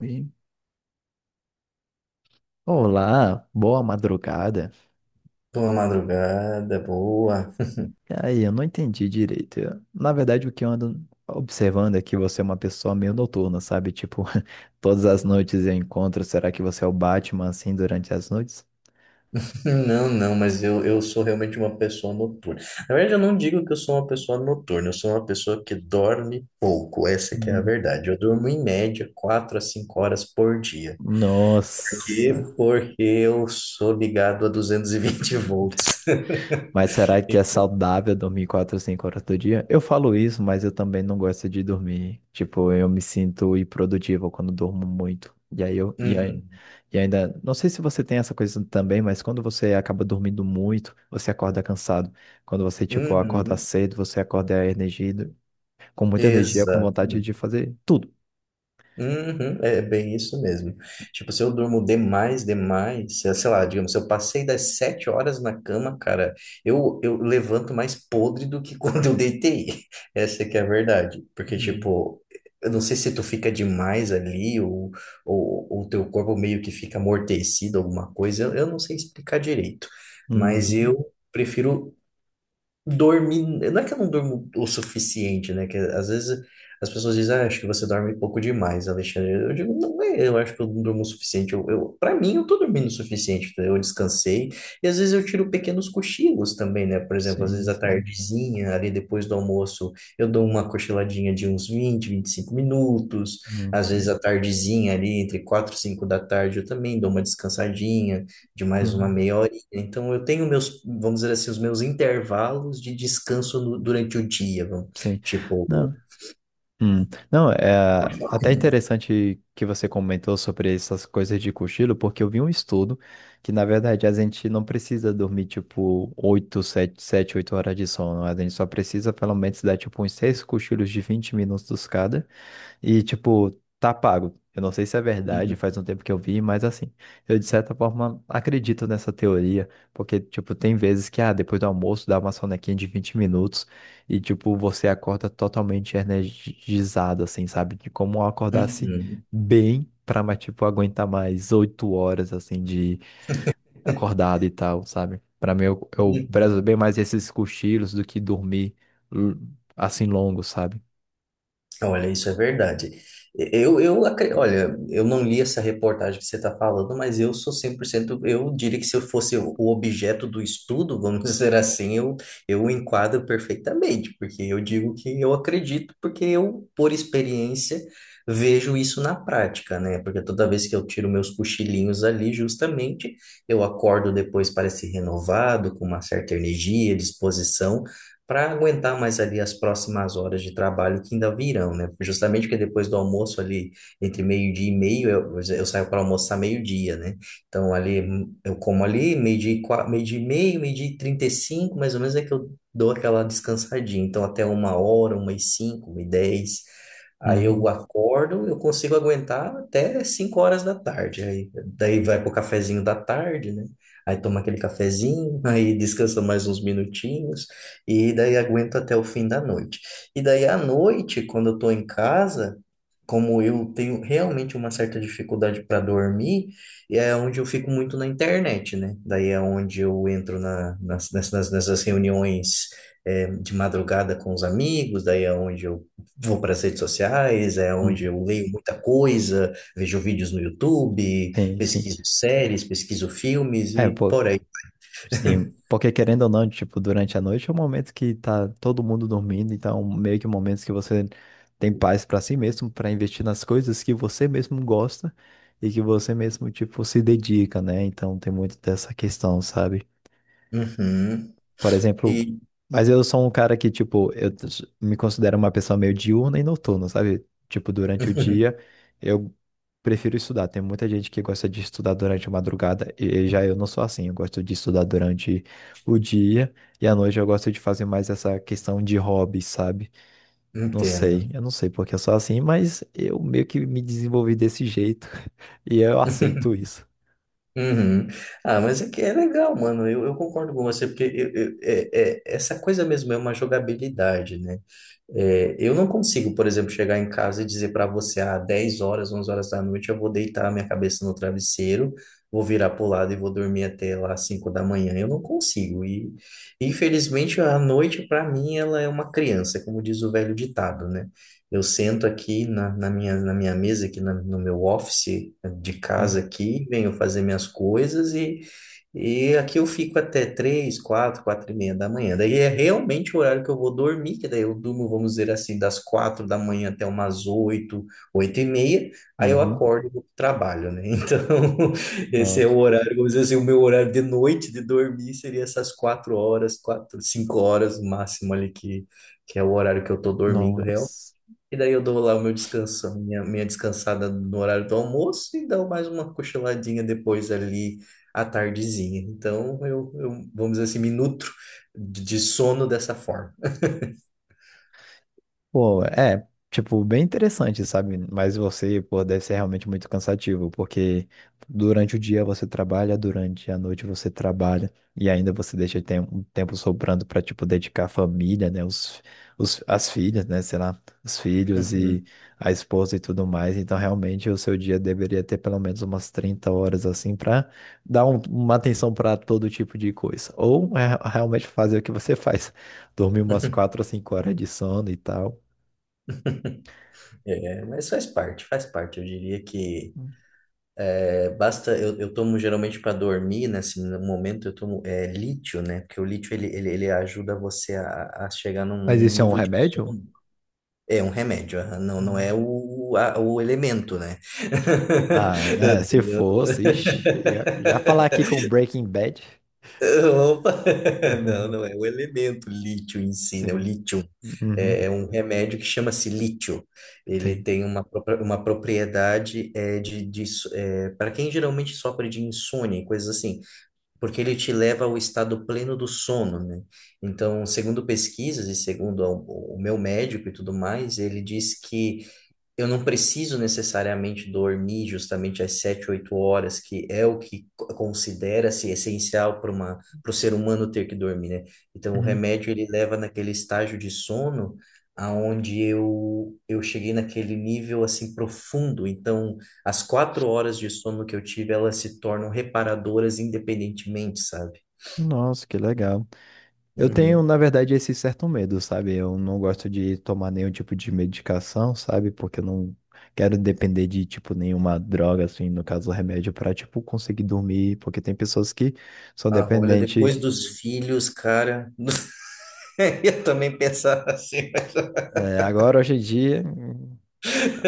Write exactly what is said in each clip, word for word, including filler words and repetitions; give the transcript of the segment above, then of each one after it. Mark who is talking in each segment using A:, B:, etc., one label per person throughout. A: E, olá, boa madrugada.
B: Boa madrugada, boa.
A: E aí, eu não entendi direito. Eu- na verdade, o que eu ando observando é que você é uma pessoa meio noturna, sabe? Tipo, todas as noites eu encontro. Será que você é o Batman assim durante as noites?
B: Não, não, mas eu, eu sou realmente uma pessoa noturna. Na verdade, eu não digo que eu sou uma pessoa noturna, eu sou uma pessoa que dorme pouco, essa que é a
A: Hum.
B: verdade. Eu durmo em média quatro a cinco horas por dia. Por
A: Nossa.
B: quê? Porque eu sou ligado a duzentos e vinte volts.
A: Mas será que é
B: Então,
A: saudável dormir quatro ou cinco horas do dia? Eu falo isso, mas eu também não gosto de dormir. Tipo, eu me sinto improdutivo quando durmo muito. E aí eu, e aí,
B: uhum,
A: e ainda, não sei se você tem essa coisa também, mas quando você acaba dormindo muito, você acorda cansado. Quando você, tipo, acorda
B: uhum,
A: cedo, você acorda energido, com muita energia, com
B: exato.
A: vontade de fazer tudo.
B: Uhum, é bem isso mesmo. Tipo, se eu durmo demais, demais, se- sei lá, digamos, se eu passei das sete horas na cama, cara, eu, eu levanto mais podre do que quando eu deitei. Essa que é a verdade. Porque,
A: Uhum.
B: tipo, eu não sei se tu fica demais ali ou ou ou o teu corpo meio que fica amortecido, alguma coisa, eu, eu não sei explicar direito. Mas
A: Uhum.
B: eu prefiro dormir. Não é que eu não durmo o suficiente, né? Que às vezes as pessoas dizem, ah, acho que você dorme pouco demais, Alexandre. Eu digo, não é, eu acho que eu não durmo o suficiente. Eu, eu, para mim, eu tô dormindo o suficiente. Tá? Eu descansei. E às vezes eu tiro pequenos cochilos também, né? Por exemplo, às vezes
A: Sim,
B: à
A: sim.
B: tardezinha, ali depois do almoço, eu dou uma cochiladinha de uns vinte vinte e cinco minutos.
A: Uhum.
B: Às vezes à tardezinha, ali entre quatro e cinco da tarde, eu também dou uma descansadinha de mais uma
A: Uhum.
B: meia, então, eu tenho meus, vamos dizer assim, os meus intervalos de descanso no- durante o dia, vamos-
A: Sim.
B: tipo.
A: Não. Hum. Não, é até interessante que você comentou sobre essas coisas de cochilo, porque eu vi um estudo que, na verdade, a gente não precisa dormir, tipo, oito sete sete oito horas de sono. A gente só precisa, pelo menos, dar, tipo, uns seis cochilos de vinte minutos cada. E, tipo, tá pago. Eu não sei se é verdade,
B: Uhum,
A: faz um tempo que eu vi, mas assim, eu de certa forma acredito nessa teoria, porque, tipo, tem vezes que, ah, depois do almoço dá uma sonequinha de vinte minutos e, tipo, você acorda totalmente energizado, assim, sabe? De como eu acordasse
B: uhum,
A: bem pra, mas, tipo, aguentar mais oito horas, assim, de acordado e tal, sabe? Pra mim, eu, eu
B: uhum.
A: prezo bem mais esses cochilos do que dormir, l- assim, longo, sabe?
B: Olha, isso é verdade. Eu, eu, acre- olha, eu não li essa reportagem que você está falando, mas eu sou cem por cento. Eu diria que se eu fosse o objeto do estudo, vamos dizer assim, eu, eu enquadro perfeitamente, porque eu digo que eu acredito, porque eu, por experiência, vejo isso na prática, né? Porque toda vez que eu tiro meus cochilinhos ali, justamente, eu acordo depois, parece renovado, com uma certa energia, disposição, para aguentar mais ali as próximas horas de trabalho que ainda virão, né? Justamente porque depois do almoço ali, entre meio-dia e meio, eu, eu saio para almoçar meio-dia, né? Então ali, eu como ali, meio-dia e qua- meio-dia e meio, meio-dia e trinta e cinco, mais ou menos é que eu dou aquela descansadinha. Então até uma hora, uma e cinco, uma e dez. Aí eu
A: Uhum.
B: acordo, eu consigo aguentar até cinco horas da tarde. Aí, daí vai pro cafezinho da tarde, né? Aí toma aquele cafezinho, aí descansa mais uns minutinhos. E daí aguento até o fim da noite. E daí à noite, quando eu tô em casa, como eu tenho realmente uma certa dificuldade para dormir, é onde eu fico muito na internet, né? Daí é onde eu entro na, nas, nessas, nessas reuniões é, de madrugada com os amigos, daí é onde eu vou para as redes sociais, é onde
A: Uhum.
B: eu leio muita coisa, vejo vídeos no YouTube,
A: Sim, sim.
B: pesquiso séries, pesquiso filmes
A: É,
B: e
A: pô,
B: por aí.
A: sim, porque querendo ou não, tipo, durante a noite é um momento que tá todo mundo dormindo, então meio que momentos que você tem paz pra si mesmo, pra investir nas coisas que você mesmo gosta e que você mesmo, tipo, se dedica, né? Então tem muito dessa questão, sabe?
B: Uhum.
A: Por exemplo,
B: E
A: mas eu sou um cara que, tipo, eu t- me considero uma pessoa meio diurna e noturna, sabe? Tipo, durante o dia eu prefiro estudar. Tem muita gente que gosta de estudar durante a madrugada e e já eu não sou assim. Eu gosto de estudar durante o dia e à noite eu gosto de fazer mais essa questão de hobby, sabe? Não
B: Entendo.
A: sei, eu não sei porque eu sou assim, mas eu meio que me desenvolvi desse jeito e eu aceito isso.
B: Uhum. Ah, mas é que é legal, mano. Eu, eu concordo com você, porque eu- eu- é, é- essa coisa mesmo é uma jogabilidade, né? É, eu não consigo, por exemplo, chegar em casa e dizer para você, ah, dez horas, onze horas da noite, eu vou deitar a minha cabeça no travesseiro, vou virar pro lado e vou dormir até lá cinco da manhã. Eu não consigo. E, infelizmente, a noite, para mim, ela é uma criança, como diz o velho ditado, né? Eu sento aqui na, na minha, na minha mesa, aqui na- no meu office de casa
A: Hum.
B: aqui, venho fazer minhas coisas e aqui eu fico até três, quatro, quatro e meia da manhã. Daí é realmente o horário que eu vou dormir, que daí eu durmo, vamos dizer assim, das quatro da manhã até umas oito, oito e meia. Aí eu
A: Uhum.
B: acordo e vou pro trabalho, né? Então, esse é
A: Nossa.
B: o horário, vamos dizer assim, o meu horário de noite de dormir seria essas quatro horas, quatro, cinco horas no máximo ali, que, que é o horário que eu tô dormindo
A: Nossa.
B: e daí eu dou lá o meu descanso, a minha, minha descansada no horário do almoço e dou mais uma cochiladinha depois ali à tardezinha. Então eu, eu vamos dizer assim, me nutro de de sono dessa forma.
A: Pô, é, tipo, bem interessante, sabe? Mas você, pô, deve ser realmente muito cansativo, porque durante o dia você trabalha, durante a noite você trabalha, e ainda você deixa tem- um tempo sobrando pra, tipo, dedicar a família, né? Os, os, as filhas, né? Sei lá, os filhos
B: Uhum.
A: e a esposa e tudo mais. Então, realmente, o seu dia deveria ter pelo menos umas trinta horas, assim, pra dar um- uma atenção pra todo tipo de coisa. Ou é, realmente fazer o que você faz dormir umas quatro ou cinco horas de sono e tal.
B: É, mas faz parte, faz parte. Eu diria que é, basta. Eu, eu tomo geralmente para dormir, né? Assim, no momento eu tomo é, lítio, né? Porque o lítio ele, ele, ele ajuda você a, a chegar num,
A: Mas
B: num
A: isso é um
B: nível de
A: remédio?
B: sono. É um remédio, aham. Não, não
A: Não.
B: é o, a- o elemento, né?
A: Ah, é, se fosse, ixi, já, já falar aqui com Breaking Bad.
B: Opa! Não, não é o elemento lítio em si, né? O
A: Sim.
B: lítio
A: Uhum,
B: é é um remédio que chama-se lítio. Ele
A: sim.
B: tem uma, propra- uma propriedade é, de, de so- é, para quem geralmente sofre de insônia e coisas assim, porque ele te leva ao estado pleno do sono, né? Então, segundo pesquisas e segundo a- o meu médico e tudo mais, ele diz que eu não preciso necessariamente dormir justamente às sete, oito horas, que é o que co- considera-se essencial para uma, para o ser humano ter que dormir, né? Então, o
A: Uhum.
B: remédio ele leva naquele estágio de sono aonde eu eu cheguei naquele nível assim profundo. Então, as quatro horas de sono que eu tive, elas se tornam reparadoras independentemente, sabe?
A: Nossa, que legal. Eu tenho,
B: Uhum.
A: na verdade, esse certo medo, sabe? Eu não gosto de tomar nenhum tipo de medicação, sabe? Porque eu não quero depender de, tipo, nenhuma droga, assim, no caso, remédio, pra, tipo, conseguir dormir. Porque tem pessoas que são
B: Ah, olha,
A: dependentes.
B: depois dos filhos, cara, eu também pensava assim.
A: É, agora, hoje em dia.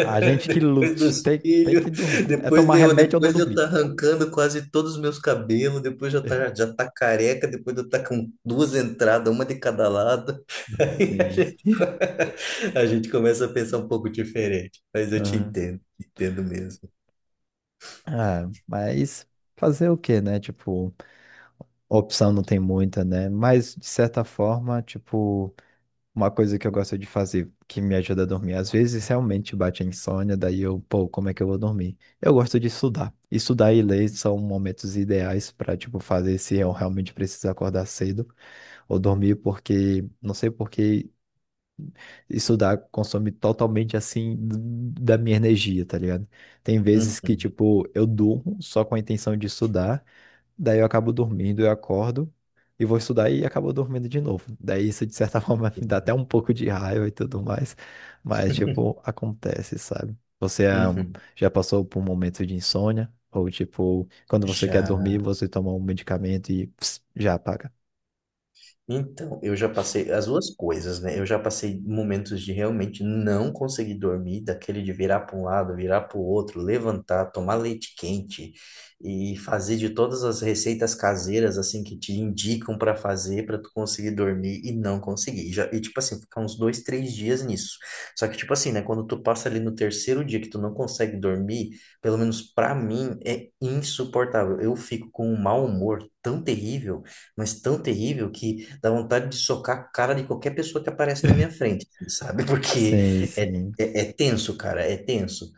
A: A gente que
B: Depois
A: lute,
B: dos
A: tem, tem
B: filhos,
A: que dormir. É
B: depois
A: tomar
B: de eu,
A: remédio ou não
B: depois de eu estar
A: dormir.
B: arrancando quase todos os meus cabelos, depois de eu tá, já tá careca, depois de eu estar com duas entradas, uma de cada lado, aí a
A: Sim, sim.
B: gente, co- a gente começa a pensar um pouco diferente. Mas eu te
A: Ah.
B: entendo, te entendo mesmo.
A: Ah, mas fazer o quê, né? Tipo, opção não tem muita, né? Mas, de certa forma, tipo, uma coisa que eu gosto de fazer que me ajuda a dormir. Às vezes, realmente bate a insônia, daí eu, pô, como é que eu vou dormir? Eu gosto de estudar. Estudar e ler são momentos ideais pra, tipo, fazer se eu realmente preciso acordar cedo ou dormir, porque, não sei por que. Estudar consome totalmente assim da minha energia, tá ligado? Tem vezes que,
B: Uhum,
A: tipo, eu durmo só com a intenção de estudar, daí eu acabo dormindo, eu acordo e vou estudar e acabo dormindo de novo. Daí isso, de certa forma, me dá até
B: entendi.
A: um pouco de raiva e tudo mais, mas, tipo, acontece, sabe? Você ah,
B: Uhum.
A: já passou por um momento de insônia? Ou, tipo, quando você quer
B: Já.
A: dormir, você toma um medicamento e pss, já apaga?
B: Então, eu já passei as duas coisas, né? Eu já passei momentos de realmente não conseguir dormir, daquele de virar para um lado, virar para o outro, levantar, tomar leite quente e fazer de todas as receitas caseiras assim que te indicam para fazer para tu conseguir dormir e não conseguir. E, já, e tipo assim, ficar uns dois, três dias nisso. Só que tipo assim, né? Quando tu passa ali no terceiro dia que tu não consegue dormir, pelo menos para mim é insuportável. Eu fico com um mau humor tão terrível mas tão terrível que dá vontade de socar a cara de qualquer pessoa que aparece na minha frente, assim, sabe? Porque
A: Sim,
B: é,
A: sim,
B: é, é tenso, cara, é tenso.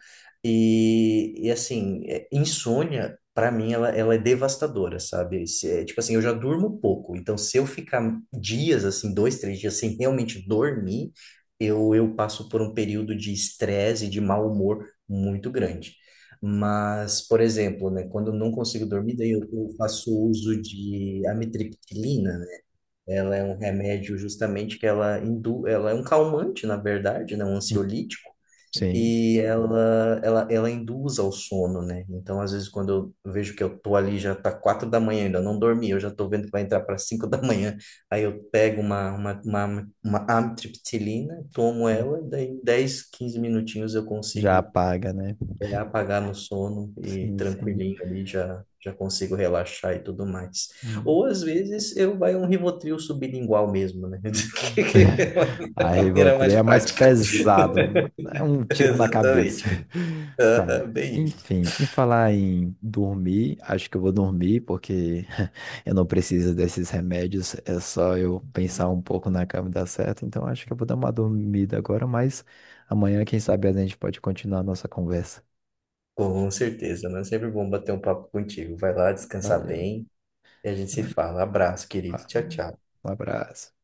B: E, e assim, é- insônia, pra mim, ela, ela é devastadora, sabe? Se- é, tipo assim, eu já durmo pouco, então se eu ficar dias, assim, dois, três dias sem realmente dormir, eu, eu passo por um período de estresse e de mau humor muito grande. Mas, por exemplo, né, quando eu não consigo dormir, daí eu, eu faço uso de amitriptilina, né? Ela é um remédio justamente que ela indu, ela é um calmante, na verdade, né, um ansiolítico,
A: sim,
B: e ela, ela, ela induz ao sono, né? Então, às vezes, quando eu vejo que eu tô ali, já tá quatro da manhã, ainda não dormi, eu já tô vendo que vai entrar para cinco da manhã, aí eu pego uma, uma, uma, uma amitriptilina, tomo ela, daí em dez, quinze minutinhos eu
A: já
B: consigo
A: apaga, né?
B: é apagar no sono e
A: Sim, sim.
B: tranquilinho ali já já consigo relaxar e tudo mais.
A: Hum,
B: Ou às vezes eu vai um Rivotril sublingual mesmo, né?
A: hum,
B: Que é
A: A
B: a maneira
A: Rivotril
B: mais
A: é mais
B: prática.
A: pesado. É um tiro na cabeça.
B: Exatamente.
A: Tá.
B: Aham, bem isso.
A: Enfim, em falar em dormir, acho que eu vou dormir porque eu não preciso desses remédios. É só eu pensar um pouco na cama e dar certo. Então acho que eu vou dar uma dormida agora, mas amanhã, quem sabe, a gente pode continuar a nossa conversa.
B: Com certeza, né, sempre bom bater um papo contigo. Vai lá descansar
A: Valeu.
B: bem e a gente se fala. Abraço, querido.
A: Ah.
B: Tchau,
A: Um
B: tchau.
A: abraço.